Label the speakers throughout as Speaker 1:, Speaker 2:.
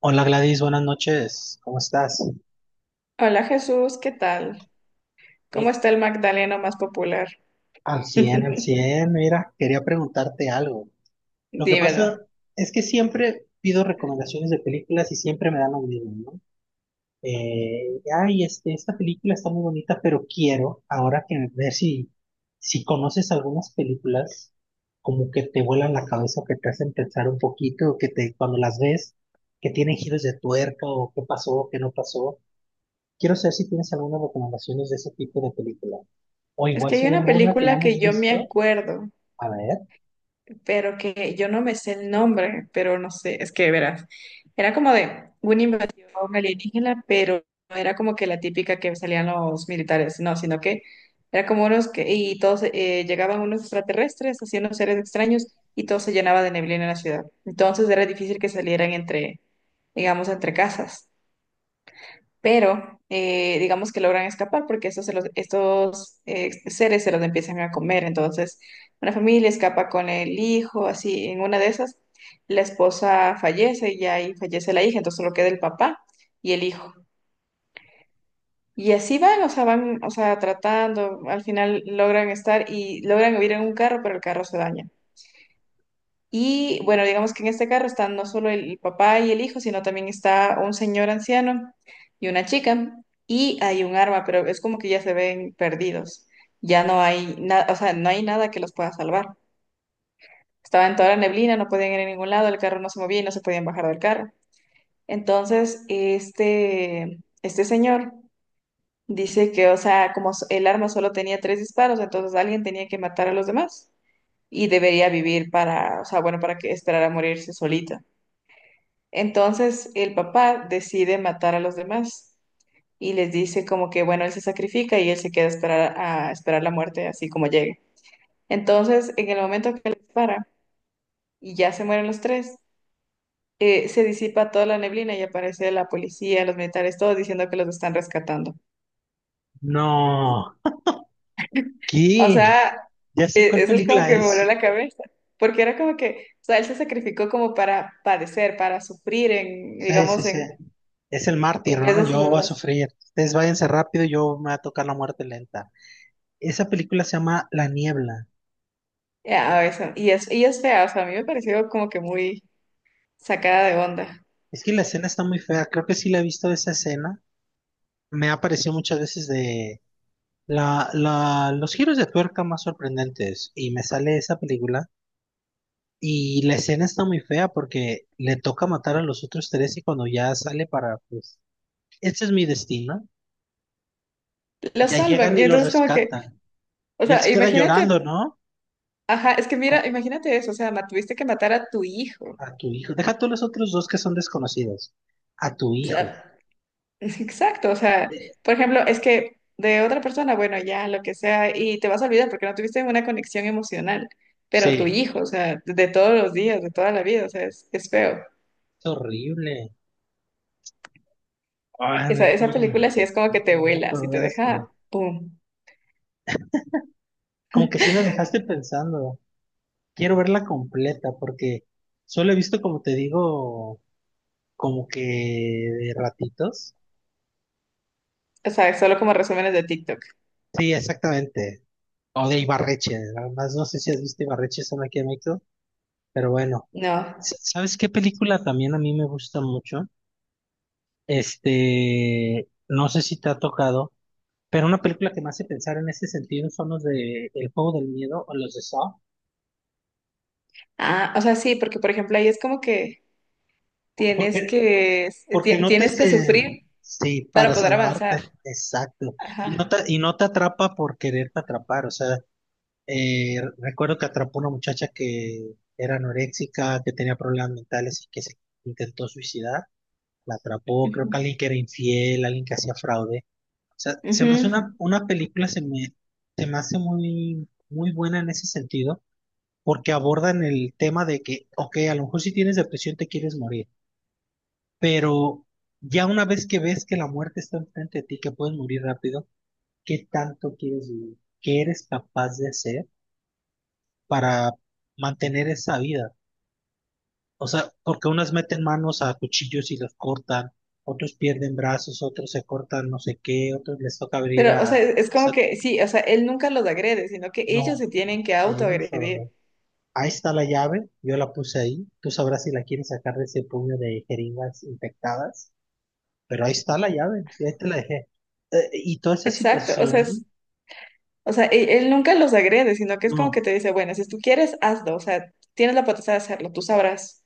Speaker 1: Hola Gladys, buenas noches, ¿cómo estás?
Speaker 2: Hola Jesús, ¿qué tal? ¿Cómo
Speaker 1: Mi-
Speaker 2: está el Magdaleno más popular?
Speaker 1: Al 100, al 100. Mira, quería preguntarte algo. Lo que
Speaker 2: Dímelo.
Speaker 1: pasa es que siempre pido recomendaciones de películas y siempre me dan lo mismo, ¿no? Esta película está muy bonita, pero quiero ahora que ver si conoces algunas películas como que te vuelan la cabeza o que te hacen pensar un poquito, o que te, cuando las ves, que tienen giros de tuerca o qué pasó, qué no pasó. Quiero saber si tienes algunas recomendaciones de ese tipo de película. O
Speaker 2: Es
Speaker 1: igual
Speaker 2: que
Speaker 1: si
Speaker 2: hay
Speaker 1: hay
Speaker 2: una
Speaker 1: alguna que
Speaker 2: película que
Speaker 1: hayamos
Speaker 2: yo me
Speaker 1: visto.
Speaker 2: acuerdo,
Speaker 1: A ver.
Speaker 2: pero que yo no me sé el nombre, pero no sé, es que verás, era como de una invasión alienígena, pero no era como que la típica que salían los militares, no, sino que era como unos que, y todos llegaban unos extraterrestres, haciendo seres extraños, y todo se llenaba de neblina en la ciudad. Entonces era difícil que salieran entre, digamos, entre casas. Pero digamos que logran escapar porque estos seres se los empiezan a comer. Entonces, una familia escapa con el hijo, así, en una de esas, la esposa fallece y ahí fallece la hija, entonces solo queda el papá y el hijo. Y así van, o sea, tratando, al final logran estar y logran huir en un carro, pero el carro se daña. Y bueno, digamos que en este carro están no solo el papá y el hijo, sino también está un señor anciano y una chica. Y hay un arma, pero es como que ya se ven perdidos. Ya no hay nada, o sea, no hay nada que los pueda salvar. Estaba en toda la neblina, no podían ir a ningún lado, el carro no se movía y no se podían bajar del carro. Entonces, este señor dice que, o sea, como el arma solo tenía tres disparos, entonces alguien tenía que matar a los demás y debería vivir para, o sea, bueno, para que esperara a morirse solito. Entonces el papá decide matar a los demás y les dice como que, bueno, él se sacrifica y él se queda a esperar la muerte así como llegue. Entonces, en el momento que le dispara y ya se mueren los tres, se disipa toda la neblina y aparece la policía, los militares, todos diciendo que los están rescatando.
Speaker 1: No.
Speaker 2: O
Speaker 1: ¿Qué?
Speaker 2: sea,
Speaker 1: Ya sé cuál
Speaker 2: eso es como
Speaker 1: película
Speaker 2: que me
Speaker 1: es.
Speaker 2: voló la cabeza, porque era como que, o sea, él se sacrificó como para padecer, para sufrir en,
Speaker 1: Sí, sí,
Speaker 2: digamos,
Speaker 1: sí.
Speaker 2: en,
Speaker 1: Es el mártir,
Speaker 2: en vez
Speaker 1: ¿no?
Speaker 2: de si
Speaker 1: Yo
Speaker 2: los.
Speaker 1: voy a sufrir. Ustedes váyanse rápido, yo me va a tocar la muerte lenta. Esa película se llama La Niebla.
Speaker 2: Ya, y es fea, o sea, a mí me pareció como que muy sacada de onda.
Speaker 1: Es que la escena está muy fea. Creo que sí la he visto esa escena. Me ha aparecido muchas veces de los giros de tuerca más sorprendentes. Y me sale esa película. Y la escena está muy fea porque le toca matar a los otros tres y cuando ya sale para, pues, ese es mi destino.
Speaker 2: Lo
Speaker 1: Y ya
Speaker 2: salvan,
Speaker 1: llegan
Speaker 2: y
Speaker 1: y lo
Speaker 2: entonces como que,
Speaker 1: rescatan.
Speaker 2: o
Speaker 1: Y él
Speaker 2: sea,
Speaker 1: se queda
Speaker 2: imagínate,
Speaker 1: llorando, ¿no?
Speaker 2: ajá, es que
Speaker 1: Con-
Speaker 2: mira, imagínate eso, o sea, tuviste que matar a tu hijo, o
Speaker 1: A tu hijo. Deja tú los otros dos que son desconocidos. A tu hijo.
Speaker 2: sea, exacto, o sea,
Speaker 1: Eh,
Speaker 2: por ejemplo, es que de otra persona, bueno, ya, lo que sea, y te vas a olvidar porque no tuviste una conexión emocional, pero tu
Speaker 1: sí,
Speaker 2: hijo, o sea, de todos los días, de toda la vida, o sea, es feo.
Speaker 1: es horrible. Ay,
Speaker 2: Esa, esa película sí es como que te
Speaker 1: me
Speaker 2: vuela, sí te
Speaker 1: recordaste.
Speaker 2: deja, pum,
Speaker 1: Como que sí me dejaste pensando. Quiero verla completa porque solo he visto, como te digo, como que de ratitos.
Speaker 2: o sea, solo como resúmenes de TikTok.
Speaker 1: Sí, exactamente. O de Ibarreche. Nada más no sé si has visto Ibarreche, son aquí en México. Pero bueno.
Speaker 2: No.
Speaker 1: ¿Sabes qué película también a mí me gusta mucho? Este, no sé si te ha tocado, pero una película que me hace pensar en ese sentido son los de El Juego del Miedo o los de Saw.
Speaker 2: Ah, o sea, sí, porque por ejemplo ahí es como que
Speaker 1: Porque, porque no te
Speaker 2: tienes que
Speaker 1: se...
Speaker 2: sufrir
Speaker 1: Sí,
Speaker 2: para
Speaker 1: para
Speaker 2: poder avanzar.
Speaker 1: salvarte, exacto.
Speaker 2: Ajá.
Speaker 1: Y no te atrapa por quererte atrapar. O sea, recuerdo que atrapó una muchacha que era anoréxica, que tenía problemas mentales y que se intentó suicidar. La atrapó, creo que
Speaker 2: Ujú.
Speaker 1: alguien que era infiel, alguien que hacía fraude. Sea, se me hace
Speaker 2: Ujú.
Speaker 1: una película, se me hace muy, muy buena en ese sentido, porque abordan el tema de que, ok, a lo mejor si tienes depresión te quieres morir, pero ya una vez que ves que la muerte está enfrente de ti, que puedes morir rápido, ¿qué tanto quieres vivir? ¿Qué eres capaz de hacer para mantener esa vida? O sea, porque unas meten manos a cuchillos y los cortan, otros pierden brazos, otros se cortan no sé qué, otros les toca abrir
Speaker 2: Pero, o sea,
Speaker 1: a...
Speaker 2: es
Speaker 1: O
Speaker 2: es como
Speaker 1: sea,
Speaker 2: que, sí, o sea, él nunca los agrede, sino que ellos
Speaker 1: no.
Speaker 2: se tienen que
Speaker 1: Ellos
Speaker 2: autoagredir.
Speaker 1: solo. Ahí está la llave, yo la puse ahí. Tú sabrás si la quieres sacar de ese puño de jeringas infectadas, pero ahí está la llave, y ahí te la dejé. Y toda esa
Speaker 2: Exacto, o sea,
Speaker 1: situación,
Speaker 2: o sea, él nunca los agrede, sino que es como que
Speaker 1: no,
Speaker 2: te dice, bueno, si tú quieres, hazlo, o sea, tienes la potestad de hacerlo, tú sabrás.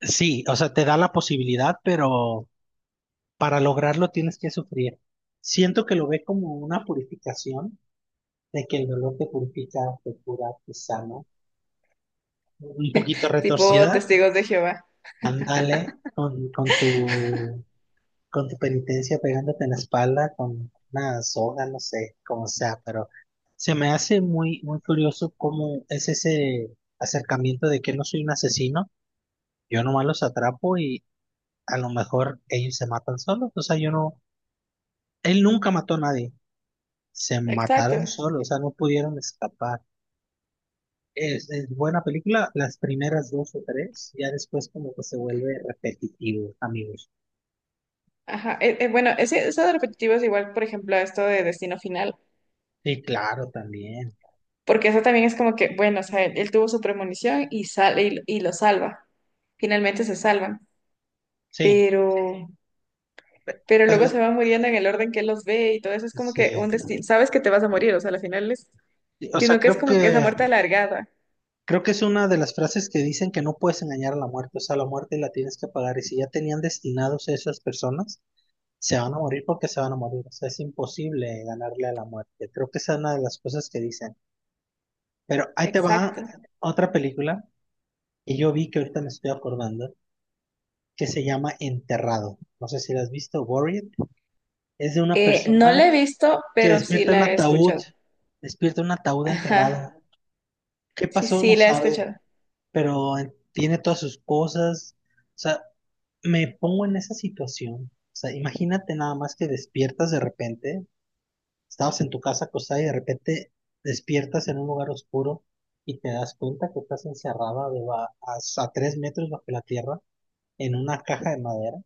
Speaker 1: sí, o sea, te da la posibilidad, pero para lograrlo tienes que sufrir. Siento que lo ve como una purificación, de que el dolor te purifica, te cura, te sana. Un poquito
Speaker 2: Tipo
Speaker 1: retorcida,
Speaker 2: testigos de Jehová.
Speaker 1: ándale con tu penitencia pegándote en la espalda con una soga, no sé, como sea, pero se me hace muy, muy curioso cómo es ese acercamiento de que no soy un asesino, yo nomás los atrapo y a lo mejor ellos se matan solos, o sea, yo no, él nunca mató a nadie, se
Speaker 2: Exacto.
Speaker 1: mataron solos, o sea, no pudieron escapar. Es buena película, las primeras dos o tres, ya después como que se vuelve repetitivo, amigos.
Speaker 2: Ajá. Bueno, eso de repetitivo es igual, por ejemplo, a esto de destino final.
Speaker 1: Sí, claro, también.
Speaker 2: Porque eso también es como que, bueno, o sea, él tuvo su premonición y sale y lo salva. Finalmente se salvan,
Speaker 1: Sí,
Speaker 2: pero, pero luego se
Speaker 1: pero
Speaker 2: van muriendo en el orden que él los ve y todo eso es como
Speaker 1: sí.
Speaker 2: que un destino, sabes que te vas a morir, o sea, al final es,
Speaker 1: Sí, o sea,
Speaker 2: sino que es como que esa muerte alargada.
Speaker 1: creo que es una de las frases que dicen que no puedes engañar a la muerte, o sea, la muerte la tienes que pagar y si ya tenían destinados a esas personas, se van a morir porque se van a morir, o sea, es imposible ganarle a la muerte. Creo que esa es una de las cosas que dicen. Pero ahí te
Speaker 2: Exacto.
Speaker 1: va otra película que yo vi que ahorita me estoy acordando, que se llama Enterrado. No sé si la has visto, Buried. Es de una
Speaker 2: No la he
Speaker 1: persona
Speaker 2: visto,
Speaker 1: que
Speaker 2: pero sí
Speaker 1: despierta en un
Speaker 2: la he
Speaker 1: ataúd,
Speaker 2: escuchado.
Speaker 1: despierta en un ataúd
Speaker 2: Ajá.
Speaker 1: enterrado. ¿Qué
Speaker 2: Sí,
Speaker 1: pasó?
Speaker 2: sí,
Speaker 1: No
Speaker 2: la he
Speaker 1: sabe.
Speaker 2: escuchado.
Speaker 1: Pero tiene todas sus cosas. O sea, me pongo en esa situación. O sea, imagínate nada más que despiertas de repente, estabas en tu casa acostada y de repente despiertas en un lugar oscuro y te das cuenta que estás encerrada de a 3 metros bajo la tierra en una caja de madera.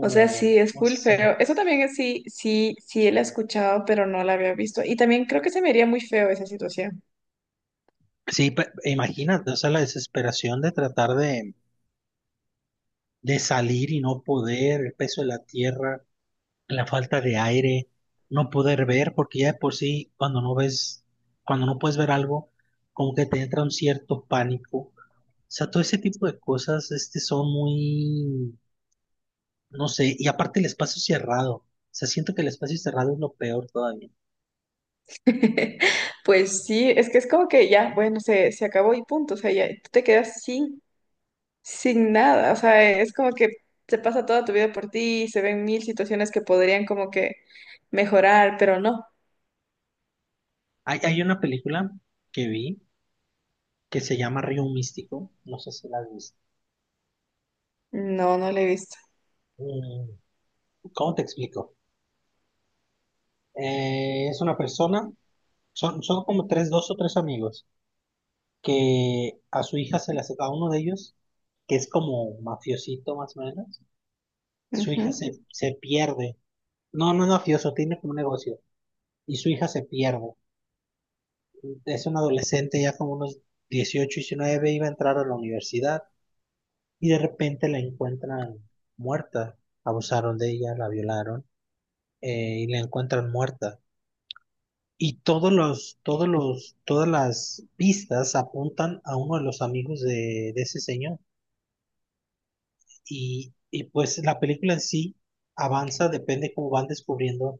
Speaker 2: O sea, sí, es
Speaker 1: No
Speaker 2: full
Speaker 1: sé.
Speaker 2: feo. Eso también es sí, sí, sí la he escuchado, pero no la había visto. Y también creo que se me haría muy feo esa situación.
Speaker 1: Sí, imagínate, o sea, la desesperación de tratar de salir y no poder, el peso de la tierra. La falta de aire, no poder ver, porque ya de por sí cuando no ves, cuando no puedes ver algo, como que te entra un cierto pánico. O sea, todo ese tipo de cosas, este, son muy, no sé, y aparte el espacio cerrado. O sea, siento que el espacio cerrado es lo peor todavía.
Speaker 2: Pues sí, es que es como que ya, bueno, se acabó y punto, o sea, ya tú te quedas sin, nada, o sea, es como que se pasa toda tu vida por ti y se ven mil situaciones que podrían como que mejorar, pero no,
Speaker 1: Hay una película que vi que se llama Río Místico, no sé si la has visto.
Speaker 2: no, no lo he visto.
Speaker 1: Mm, ¿Cómo te explico? Es una persona, son como tres, dos o tres amigos que a su hija se le hace, a uno de ellos, que es como mafiosito más o menos, su hija
Speaker 2: Ujú.
Speaker 1: se pierde. No, no es mafioso, tiene como un negocio. Y su hija se pierde. Es un adolescente ya como unos 18, 19 iba a entrar a la universidad y de repente la encuentran muerta. Abusaron de ella, la violaron y la encuentran muerta. Y todas las pistas apuntan a uno de los amigos de ese señor. Pues la película en sí avanza, depende cómo van descubriendo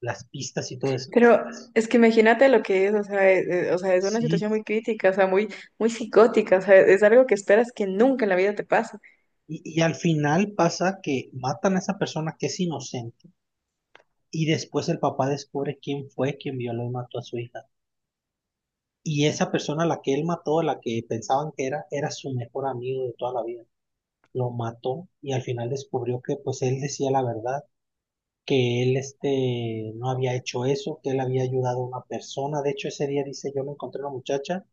Speaker 1: las pistas y todo eso.
Speaker 2: Pero es que imagínate lo que es, o sea, es una situación
Speaker 1: Sí.
Speaker 2: muy crítica, o sea, muy, muy psicótica, o sea, es algo que esperas que nunca en la vida te pase.
Speaker 1: Al final pasa que matan a esa persona que es inocente y después el papá descubre quién fue quien violó y mató a su hija. Y esa persona, a la que él mató, a la que pensaban que era, era su mejor amigo de toda la vida. Lo mató y al final descubrió que pues él decía la verdad, que él este, no había hecho eso, que él había ayudado a una persona. De hecho, ese día dice, yo me encontré una muchacha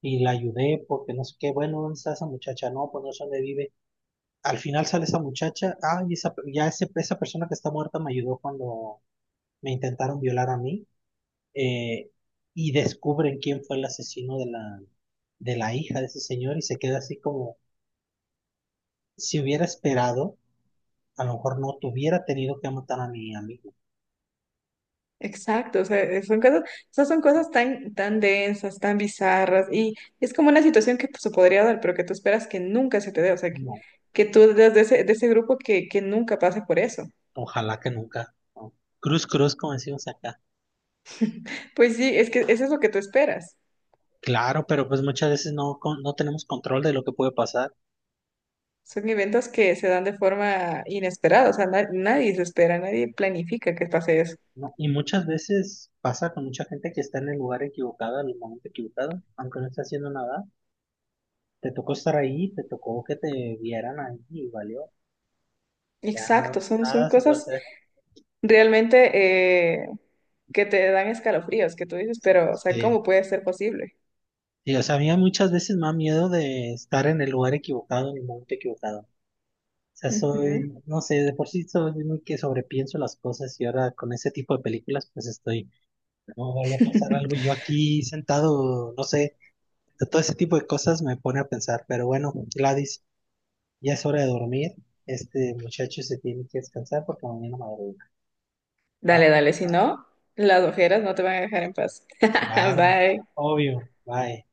Speaker 1: y la ayudé porque no sé qué, bueno, ¿dónde está esa muchacha? No, pues no sé dónde vive. Al final sale esa muchacha, ay, esa, ya ese, esa persona que está muerta me ayudó cuando me intentaron violar a mí, eh, y descubren quién fue el asesino de la hija de ese señor y se queda así como, si hubiera esperado, a lo mejor no tuviera tenido que matar a mi amigo.
Speaker 2: Exacto, o sea, son cosas, esas son cosas tan, tan densas, tan bizarras, y es como una situación que pues, se podría dar, pero que tú esperas que nunca se te dé, o sea, que,
Speaker 1: No,
Speaker 2: que tú eres de ese, grupo que nunca pasa por eso.
Speaker 1: ojalá que nunca. No. Cruz, cruz, como decimos acá.
Speaker 2: Pues sí, es que eso es lo que tú esperas.
Speaker 1: Claro, pero pues muchas veces no, no tenemos control de lo que puede pasar.
Speaker 2: Son eventos que se dan de forma inesperada, o sea, nadie se espera, nadie planifica que pase eso.
Speaker 1: No, y muchas veces pasa con mucha gente que está en el lugar equivocado, en el momento equivocado, aunque no esté haciendo nada. Te tocó estar ahí, te tocó que te vieran ahí y valió. Ya
Speaker 2: Exacto,
Speaker 1: no,
Speaker 2: son
Speaker 1: nada se puede
Speaker 2: cosas
Speaker 1: hacer.
Speaker 2: realmente que te dan escalofríos, que tú dices, pero, o sea, ¿cómo
Speaker 1: Sí.
Speaker 2: puede ser posible?
Speaker 1: Sí, o sea, a mí muchas veces me da miedo de estar en el lugar equivocado, en el momento equivocado. O sea,
Speaker 2: Ujú.
Speaker 1: soy, no sé, de por sí soy muy que sobrepienso las cosas y ahora con ese tipo de películas pues estoy, no vaya a pasar algo yo aquí sentado, no sé, todo ese tipo de cosas me pone a pensar. Pero bueno, Gladys. Ya es hora de dormir. Este muchacho se tiene que descansar porque mañana madruga. ¿Ah?
Speaker 2: Dale, dale, si no, las ojeras no te van a dejar en paz.
Speaker 1: Claro,
Speaker 2: Bye.
Speaker 1: obvio. Bye.